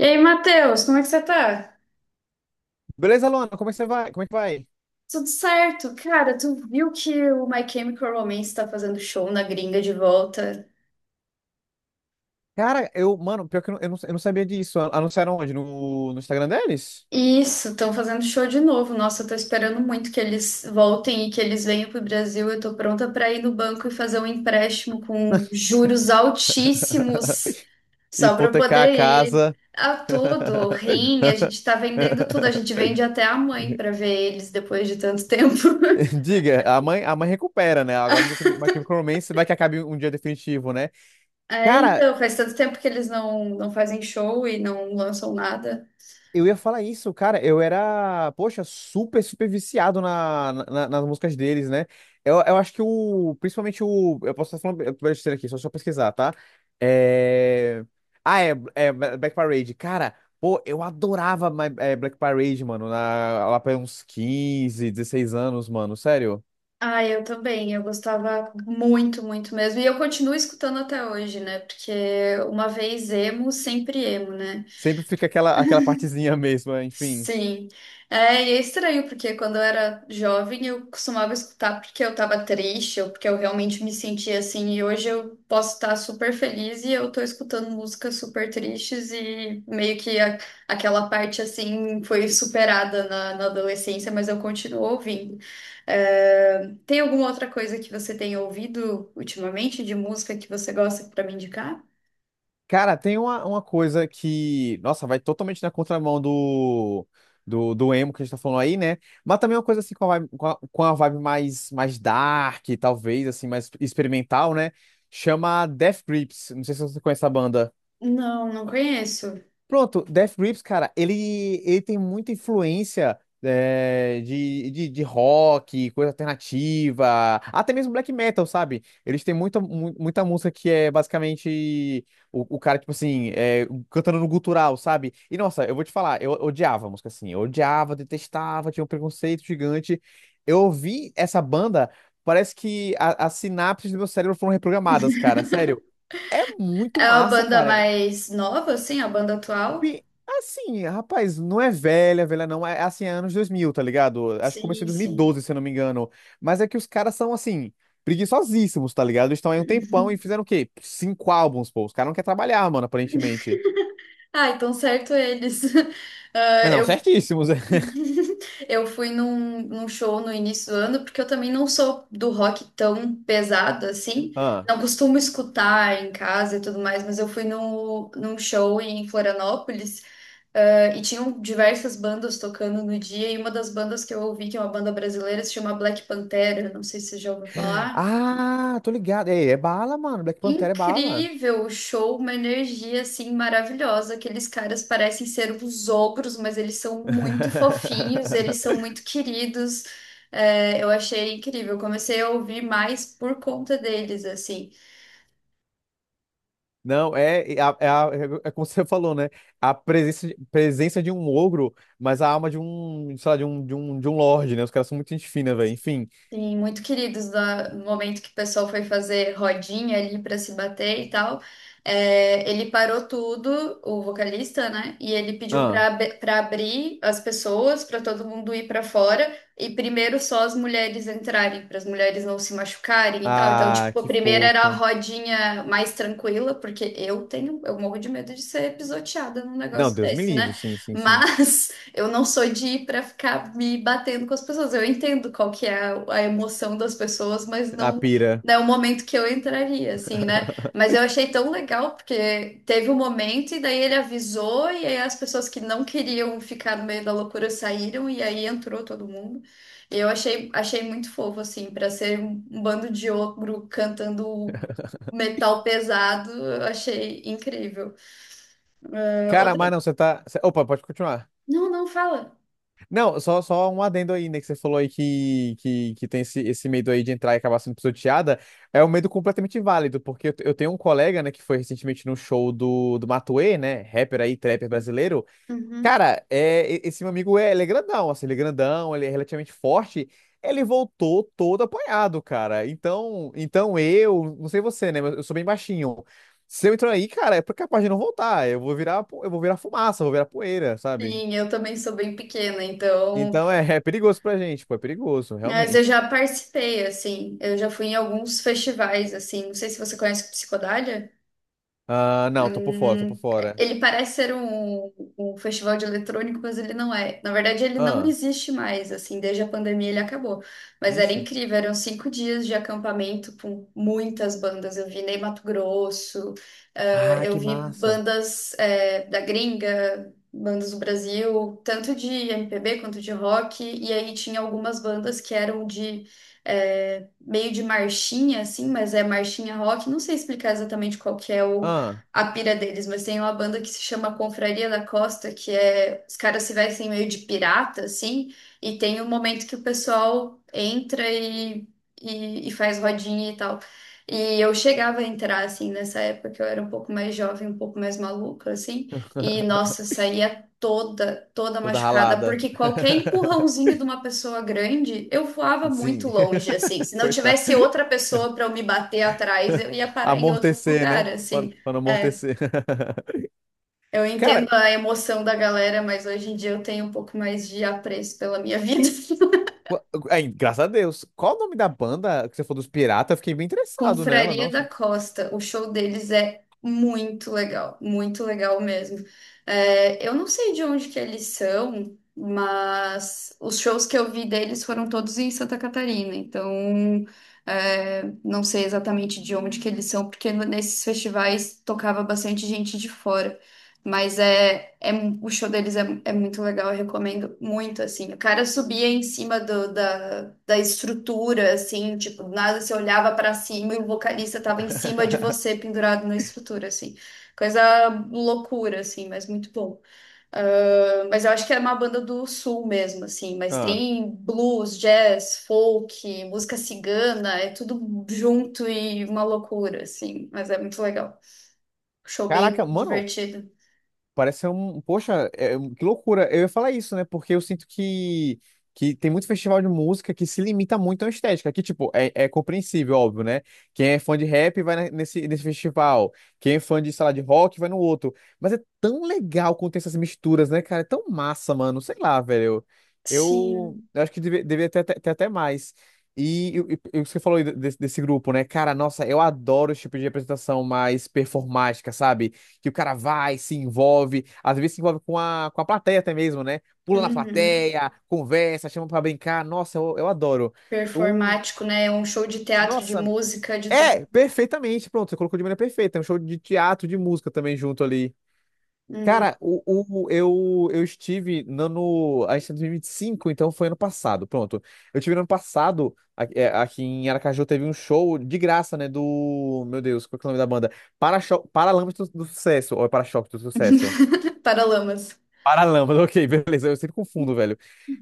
E aí, Matheus, como é que você tá? Beleza, Luana? Como é que você vai? Como é que vai? Tudo certo? Cara, tu viu que o My Chemical Romance tá fazendo show na gringa de volta? Cara, mano, pior que eu não sabia disso. Anunciaram onde? No Instagram deles? Isso, estão fazendo show de novo. Nossa, eu tô esperando muito que eles voltem e que eles venham pro Brasil. Eu tô pronta pra ir no banco e fazer um empréstimo com juros altíssimos só pra eu Hipotecar a poder ir casa. a tudo, rim, a gente tá vendendo tudo, a gente vende até a mãe pra ver eles depois de tanto tempo. Diga, a mãe recupera, né? Agora o Micromancer vai que acabe um dia definitivo, né? É, Cara, então, faz tanto tempo que eles não fazem show e não lançam nada. eu ia falar isso, cara. Eu era, poxa, super, super viciado nas músicas deles, né? Eu acho que o. Principalmente o. Eu posso estar falando besteira aqui, só pesquisar, tá? É... Ah, é Black Parade. Cara, pô, eu adorava Black Parade, mano. Lá pra uns 15, 16 anos, mano. Sério. Ah, eu também, eu gostava muito, muito mesmo. E eu continuo escutando até hoje, né? Porque uma vez emo, sempre emo, né? Sempre fica aquela partezinha mesmo, enfim. Sim, é, e é estranho, porque quando eu era jovem eu costumava escutar porque eu tava triste ou porque eu realmente me sentia assim, e hoje eu posso estar super feliz e eu tô escutando músicas super tristes e meio que aquela parte assim foi superada na adolescência, mas eu continuo ouvindo. É, tem alguma outra coisa que você tenha ouvido ultimamente de música que você gosta pra me indicar? Cara, tem uma coisa que, nossa, vai totalmente na contramão do emo que a gente tá falando aí, né? Mas também é uma coisa assim com a vibe mais, dark, talvez, assim, mais experimental, né? Chama Death Grips. Não sei se você conhece a banda. Não, não conheço. Pronto, Death Grips, cara, ele tem muita influência de rock, coisa alternativa, até mesmo black metal, sabe? Eles têm muita música que é basicamente o cara, tipo assim, cantando no gutural, sabe? E nossa, eu vou te falar, eu odiava a música assim, eu odiava, detestava, tinha um preconceito gigante. Eu ouvi essa banda, parece que as sinapses do meu cérebro foram reprogramadas, cara, sério. É É muito a massa, banda cara. mais nova, assim, a banda atual? Pi- Assim, rapaz, não é velha, velha não, é assim, é anos 2000, tá ligado? Acho que começou Sim, em dois mil e sim. doze, se eu não me engano. Mas é que os caras são, assim, preguiçosíssimos, tá ligado? Eles estão aí um tempão e fizeram o quê? Cinco álbuns, pô. Os caras não querem trabalhar, mano, aparentemente. Ah, então certo eles. Ah, Ah, não, eu certíssimos. É. eu fui num show no início do ano, porque eu também não sou do rock tão pesado assim. Ah, Não costumo escutar em casa e tudo mais, mas eu fui no, num show em Florianópolis, ah, e tinham diversas bandas tocando no dia, e uma das bandas que eu ouvi, que é uma banda brasileira, se chama Black Pantera. Não sei se você já ouviu falar. ah, tô ligado. É, é bala, mano. Black Panther é bala. Incrível o show, uma energia assim maravilhosa. Aqueles caras parecem ser os ogros, mas eles são muito fofinhos, eles são muito queridos. É, eu achei incrível. Comecei a ouvir mais por conta deles, assim. Não, é como você falou, né? A presença, presença de um ogro, mas a alma de um, sei lá, de um lorde, né? Os caras são muito gente fina, velho. Enfim. Sim, muito queridos no momento que o pessoal foi fazer rodinha ali para se bater e tal. É, ele parou tudo, o vocalista, né? E ele pediu Ah, para abrir as pessoas, para todo mundo ir para fora e primeiro só as mulheres entrarem, para as mulheres não se machucarem e tal. Então, ah, tipo, a que primeira era a fofo. rodinha mais tranquila, porque eu tenho, eu morro de medo de ser pisoteada num Não, negócio Deus me desse, livre, né? sim, sim, sim. Mas eu não sou de ir pra ficar me batendo com as pessoas. Eu entendo qual que é a emoção das pessoas, mas A não, pira. não é o momento que eu entraria, assim, né? Mas eu achei tão legal, porque teve um momento e daí ele avisou, e aí as pessoas que não queriam ficar no meio da loucura saíram, e aí entrou todo mundo. E eu achei, achei muito fofo, assim, pra ser um bando de ogro cantando metal pesado, eu achei incrível. Eh, Cara, outra. mas não, Opa, pode continuar. Não, não, fala. Não, só um adendo aí, né? Que você falou aí que tem esse medo aí de entrar e acabar sendo pisoteada. É um medo completamente válido, porque eu tenho um colega, né, que foi recentemente no show do Matuê, né? Rapper aí, trapper brasileiro. Uhum. Cara, esse meu amigo, ele é grandão, assim, ele é grandão, ele é relativamente forte. Ele voltou todo apanhado, cara. Então não sei você, né? Mas eu sou bem baixinho. Se eu entrar aí, cara, é capaz de não voltar. Eu vou virar fumaça, eu vou virar poeira, sabe? Sim, eu também sou bem pequena, então, Então é perigoso pra gente, pô, é perigoso, mas eu realmente. já participei, assim, eu já fui em alguns festivais, assim, não sei se você conhece Psicodália. Ah, É não, tô por fora, tô por um- fora. Ele parece ser um, um festival de eletrônico, mas ele não é. Na verdade, ele não Ah, existe mais, assim, desde a pandemia ele acabou. Mas era vixe. incrível, eram 5 dias de acampamento com muitas bandas. Eu vi Ney Mato Grosso, ah, Ah, eu que vi massa. bandas, da gringa, bandas do Brasil, tanto de MPB quanto de rock, e aí tinha algumas bandas que eram de. Meio de marchinha, assim, mas é marchinha rock. Não sei explicar exatamente qual que é o Ah. a pira deles, mas tem uma banda que se chama Confraria da Costa, que é os caras se vestem meio de pirata, assim, e tem um momento que o pessoal entra e faz rodinha e tal. E eu chegava a entrar, assim, nessa época que eu era um pouco mais jovem, um pouco mais maluca, assim, e nossa, saía toda, toda Toda machucada, ralada. porque qualquer empurrãozinho de uma pessoa grande, eu voava muito Sim. longe, assim. Se não Coitado. tivesse outra pessoa pra eu me bater atrás, eu ia parar em outro Amortecer, lugar, né? Pra assim. pra não É. amortecer. Eu entendo Cara, a emoção da galera, mas hoje em dia eu tenho um pouco mais de apreço pela minha vida. qu- ai, graças a Deus. Qual o nome da banda que você falou dos piratas? Eu fiquei bem interessado nela, Confraria da nossa. Costa, o show deles é muito legal mesmo. É, eu não sei de onde que eles são, mas os shows que eu vi deles foram todos em Santa Catarina, então é, não sei exatamente de onde que eles são, porque nesses festivais tocava bastante gente de fora. Mas é, o show deles é, é muito legal, eu recomendo muito, assim. O cara subia em cima da estrutura, assim, tipo, do nada você olhava pra cima e o vocalista tava em cima de você, pendurado na estrutura, assim. Coisa loucura, assim, mas muito bom. Ah, mas eu acho que é uma banda do sul mesmo, assim, mas Ah. tem blues, jazz, folk, música cigana, é tudo junto e uma loucura, assim, mas é muito legal. Show Caraca, bem mano, divertido. parece ser um. Poxa, é um, que loucura. Eu ia falar isso, né? Porque eu sinto que tem muito festival de música que se limita muito à estética. Que, tipo, é compreensível, óbvio, né? Quem é fã de rap vai nesse festival. Quem é fã de, sei lá, de rock vai no outro. Mas é tão legal quando tem essas misturas, né, cara? É tão massa, mano. Sei lá, velho. Eu, Sim. eu acho que deveria ter até mais. E o que você falou aí desse grupo, né? Cara, nossa, eu adoro esse tipo de apresentação mais performática, sabe? Que o cara vai, se envolve, às vezes se envolve com a plateia até mesmo, né? Pula na Uhum. plateia, conversa, chama pra brincar. Nossa, eu adoro. Um, Performático, né? É um show de teatro, de nossa, música, de tudo. é, perfeitamente. Pronto, você colocou de maneira perfeita. É um show de teatro, de música também junto ali. Uhum. Cara, eu estive no. A gente tá em 2025, então foi ano passado. Pronto. Eu estive no ano passado, aqui em Aracaju, teve um show de graça, né? Do. Meu Deus, qual que é o nome da banda? Para-choque, Paralamas do Sucesso. Ou é Para-choque do Sucesso? Paralamas. Paralâmpada, ok, beleza. Eu sempre confundo, velho.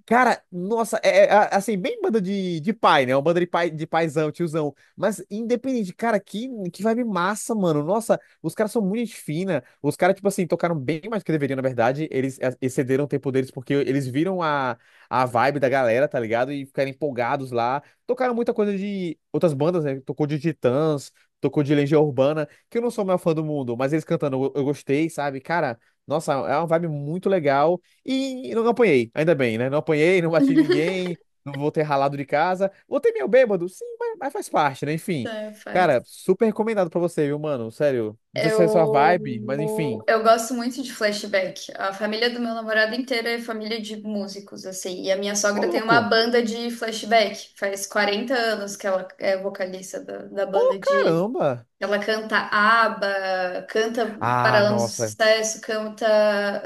Cara, nossa, assim, bem banda de pai, né? Uma banda de pai, de paizão, tiozão. Mas independente, cara, que vibe massa, mano. Nossa, os caras são muito gente fina. Os caras, tipo assim, tocaram bem mais do que deveriam, na verdade. Eles excederam o tempo deles porque eles viram a vibe da galera, tá ligado? E ficaram empolgados lá. Tocaram muita coisa de outras bandas, né? Tocou de Titãs, tocou de Legião Urbana, que eu não sou o maior fã do mundo, mas eles cantando eu gostei, sabe? Cara, nossa, é uma vibe muito legal. E não apanhei, ainda bem, né? Não apanhei, não bati em ninguém, não vou ter ralado de casa. Voltei meio bêbado, sim, mas faz parte, né? Enfim. É, faz. Cara, super recomendado pra você, viu, mano? Sério. Não sei se é sua vibe, mas Eu, enfim. eu gosto muito de flashback. A família do meu namorado inteira é família de músicos, assim. E a minha Ô, sogra tem uma louco. banda de flashback. Faz 40 anos que ela é vocalista da banda Ô, de. caramba. Ela canta ABBA, canta Ah, Paralamas do nossa. Sucesso, canta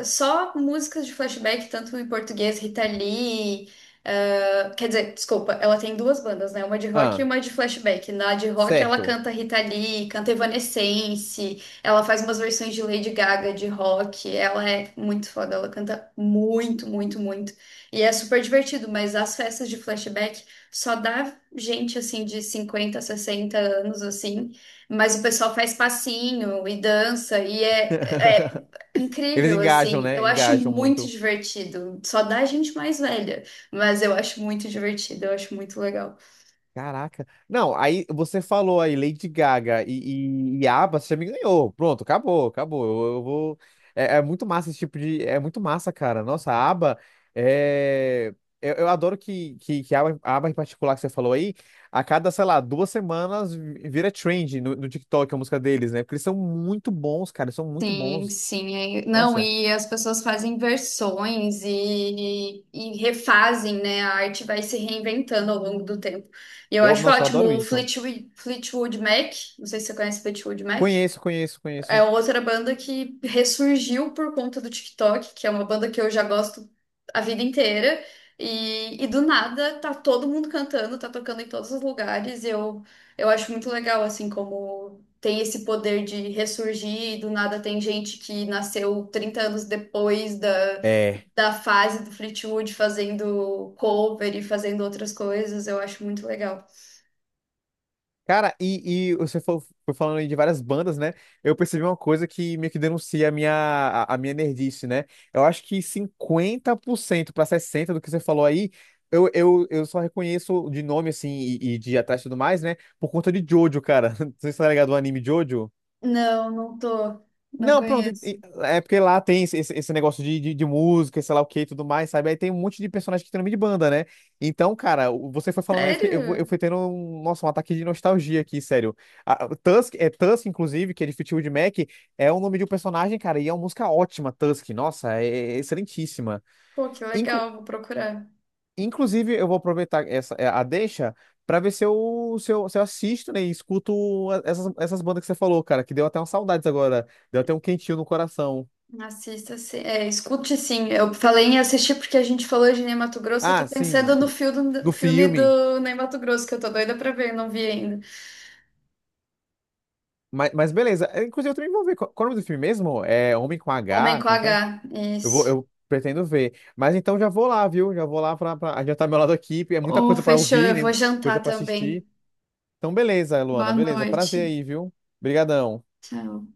só músicas de flashback, tanto em português, Rita Lee. Ah, quer dizer, desculpa, ela tem duas bandas, né? Uma de rock e Ah, uma de flashback. Na de rock, ela certo. canta Rita Lee, canta Evanescence, ela faz umas versões de Lady Gaga de rock. Ela é muito foda, ela canta muito, muito, muito. E é super divertido, mas as festas de flashback só dá gente assim de 50 60 anos assim. Mas o pessoal faz passinho e dança e é, é Eles incrível, engajam, assim. né? Eu acho Engajam muito muito. divertido. Só dá gente mais velha, mas eu acho muito divertido, eu acho muito legal. Caraca. Não, aí você falou aí Lady Gaga e ABBA, você já me ganhou. Pronto, acabou, acabou. Eu vou. É muito massa esse tipo de. É muito massa, cara. Nossa, a ABBA é. Eu adoro que a ABBA em particular que você falou aí, a cada, sei lá, 2 semanas vira trend no TikTok a música deles, né? Porque eles são muito bons, cara. Eles são muito Sim, bons. sim. Não, Nossa, e as pessoas fazem versões e refazem, né? A arte vai se reinventando ao longo do tempo. E eu acho nossa, eu ótimo. adoro O isso. Fleetwood Mac, não sei se você conhece Fleetwood Mac. Conheço, conheço, conheço. É outra banda que ressurgiu por conta do TikTok, que é uma banda que eu já gosto a vida inteira. E do nada tá todo mundo cantando, tá tocando em todos os lugares. E eu acho muito legal, assim, como tem esse poder de ressurgir. E do nada tem gente que nasceu 30 anos depois É. da fase do Fleetwood fazendo cover e fazendo outras coisas. Eu acho muito legal. Cara, e você foi falando aí de várias bandas, né? Eu percebi uma coisa que meio que denuncia a minha nerdice, né? Eu acho que 50% para 60% do que você falou aí, eu só reconheço de nome, assim, e de atrás e tudo mais, né? Por conta de Jojo, cara. Você está ligado ao anime Jojo? Não, não tô. Não Não, pronto. Conheço. É porque lá tem esse negócio de música, sei lá o que e tudo mais, sabe? Aí tem um monte de personagem que tem nome de banda, né? Então, cara, você foi falando, eu fiquei, eu Sério? fui tendo um, nossa, um ataque de nostalgia aqui, sério. O Tusk, é Tusk, inclusive, que é de Fleetwood Mac, é o nome de um personagem, cara, e é uma música ótima, Tusk. Nossa, é excelentíssima. Pô, que Inclu- legal, vou procurar. Inclusive, eu vou aproveitar a deixa pra ver se eu assisto, né, e escuto essas bandas que você falou, cara, que deu até umas saudades agora, deu até um quentinho no coração. Assista, sim. É, escute sim. Eu falei em assistir porque a gente falou de Ney Matogrosso. Eu tô Ah, sim, pensando no filme, o do filme filme. do Ney Matogrosso, que eu tô doida pra ver, não vi ainda. Mas beleza. É, inclusive, eu também vou ver. Qual é o nome do filme mesmo? É Homem com Homem H? com Como é que é? H, Eu vou, isso. eu pretendo ver. Mas então já vou lá, viu? Já vou lá pra adiantar meu lado aqui. Porque é muita Oh, coisa pra fechou, ouvir, eu vou né? Coisa jantar pra assistir. também. Então, beleza, Luana. Boa Beleza. Prazer noite. aí, viu? Obrigadão. Tchau.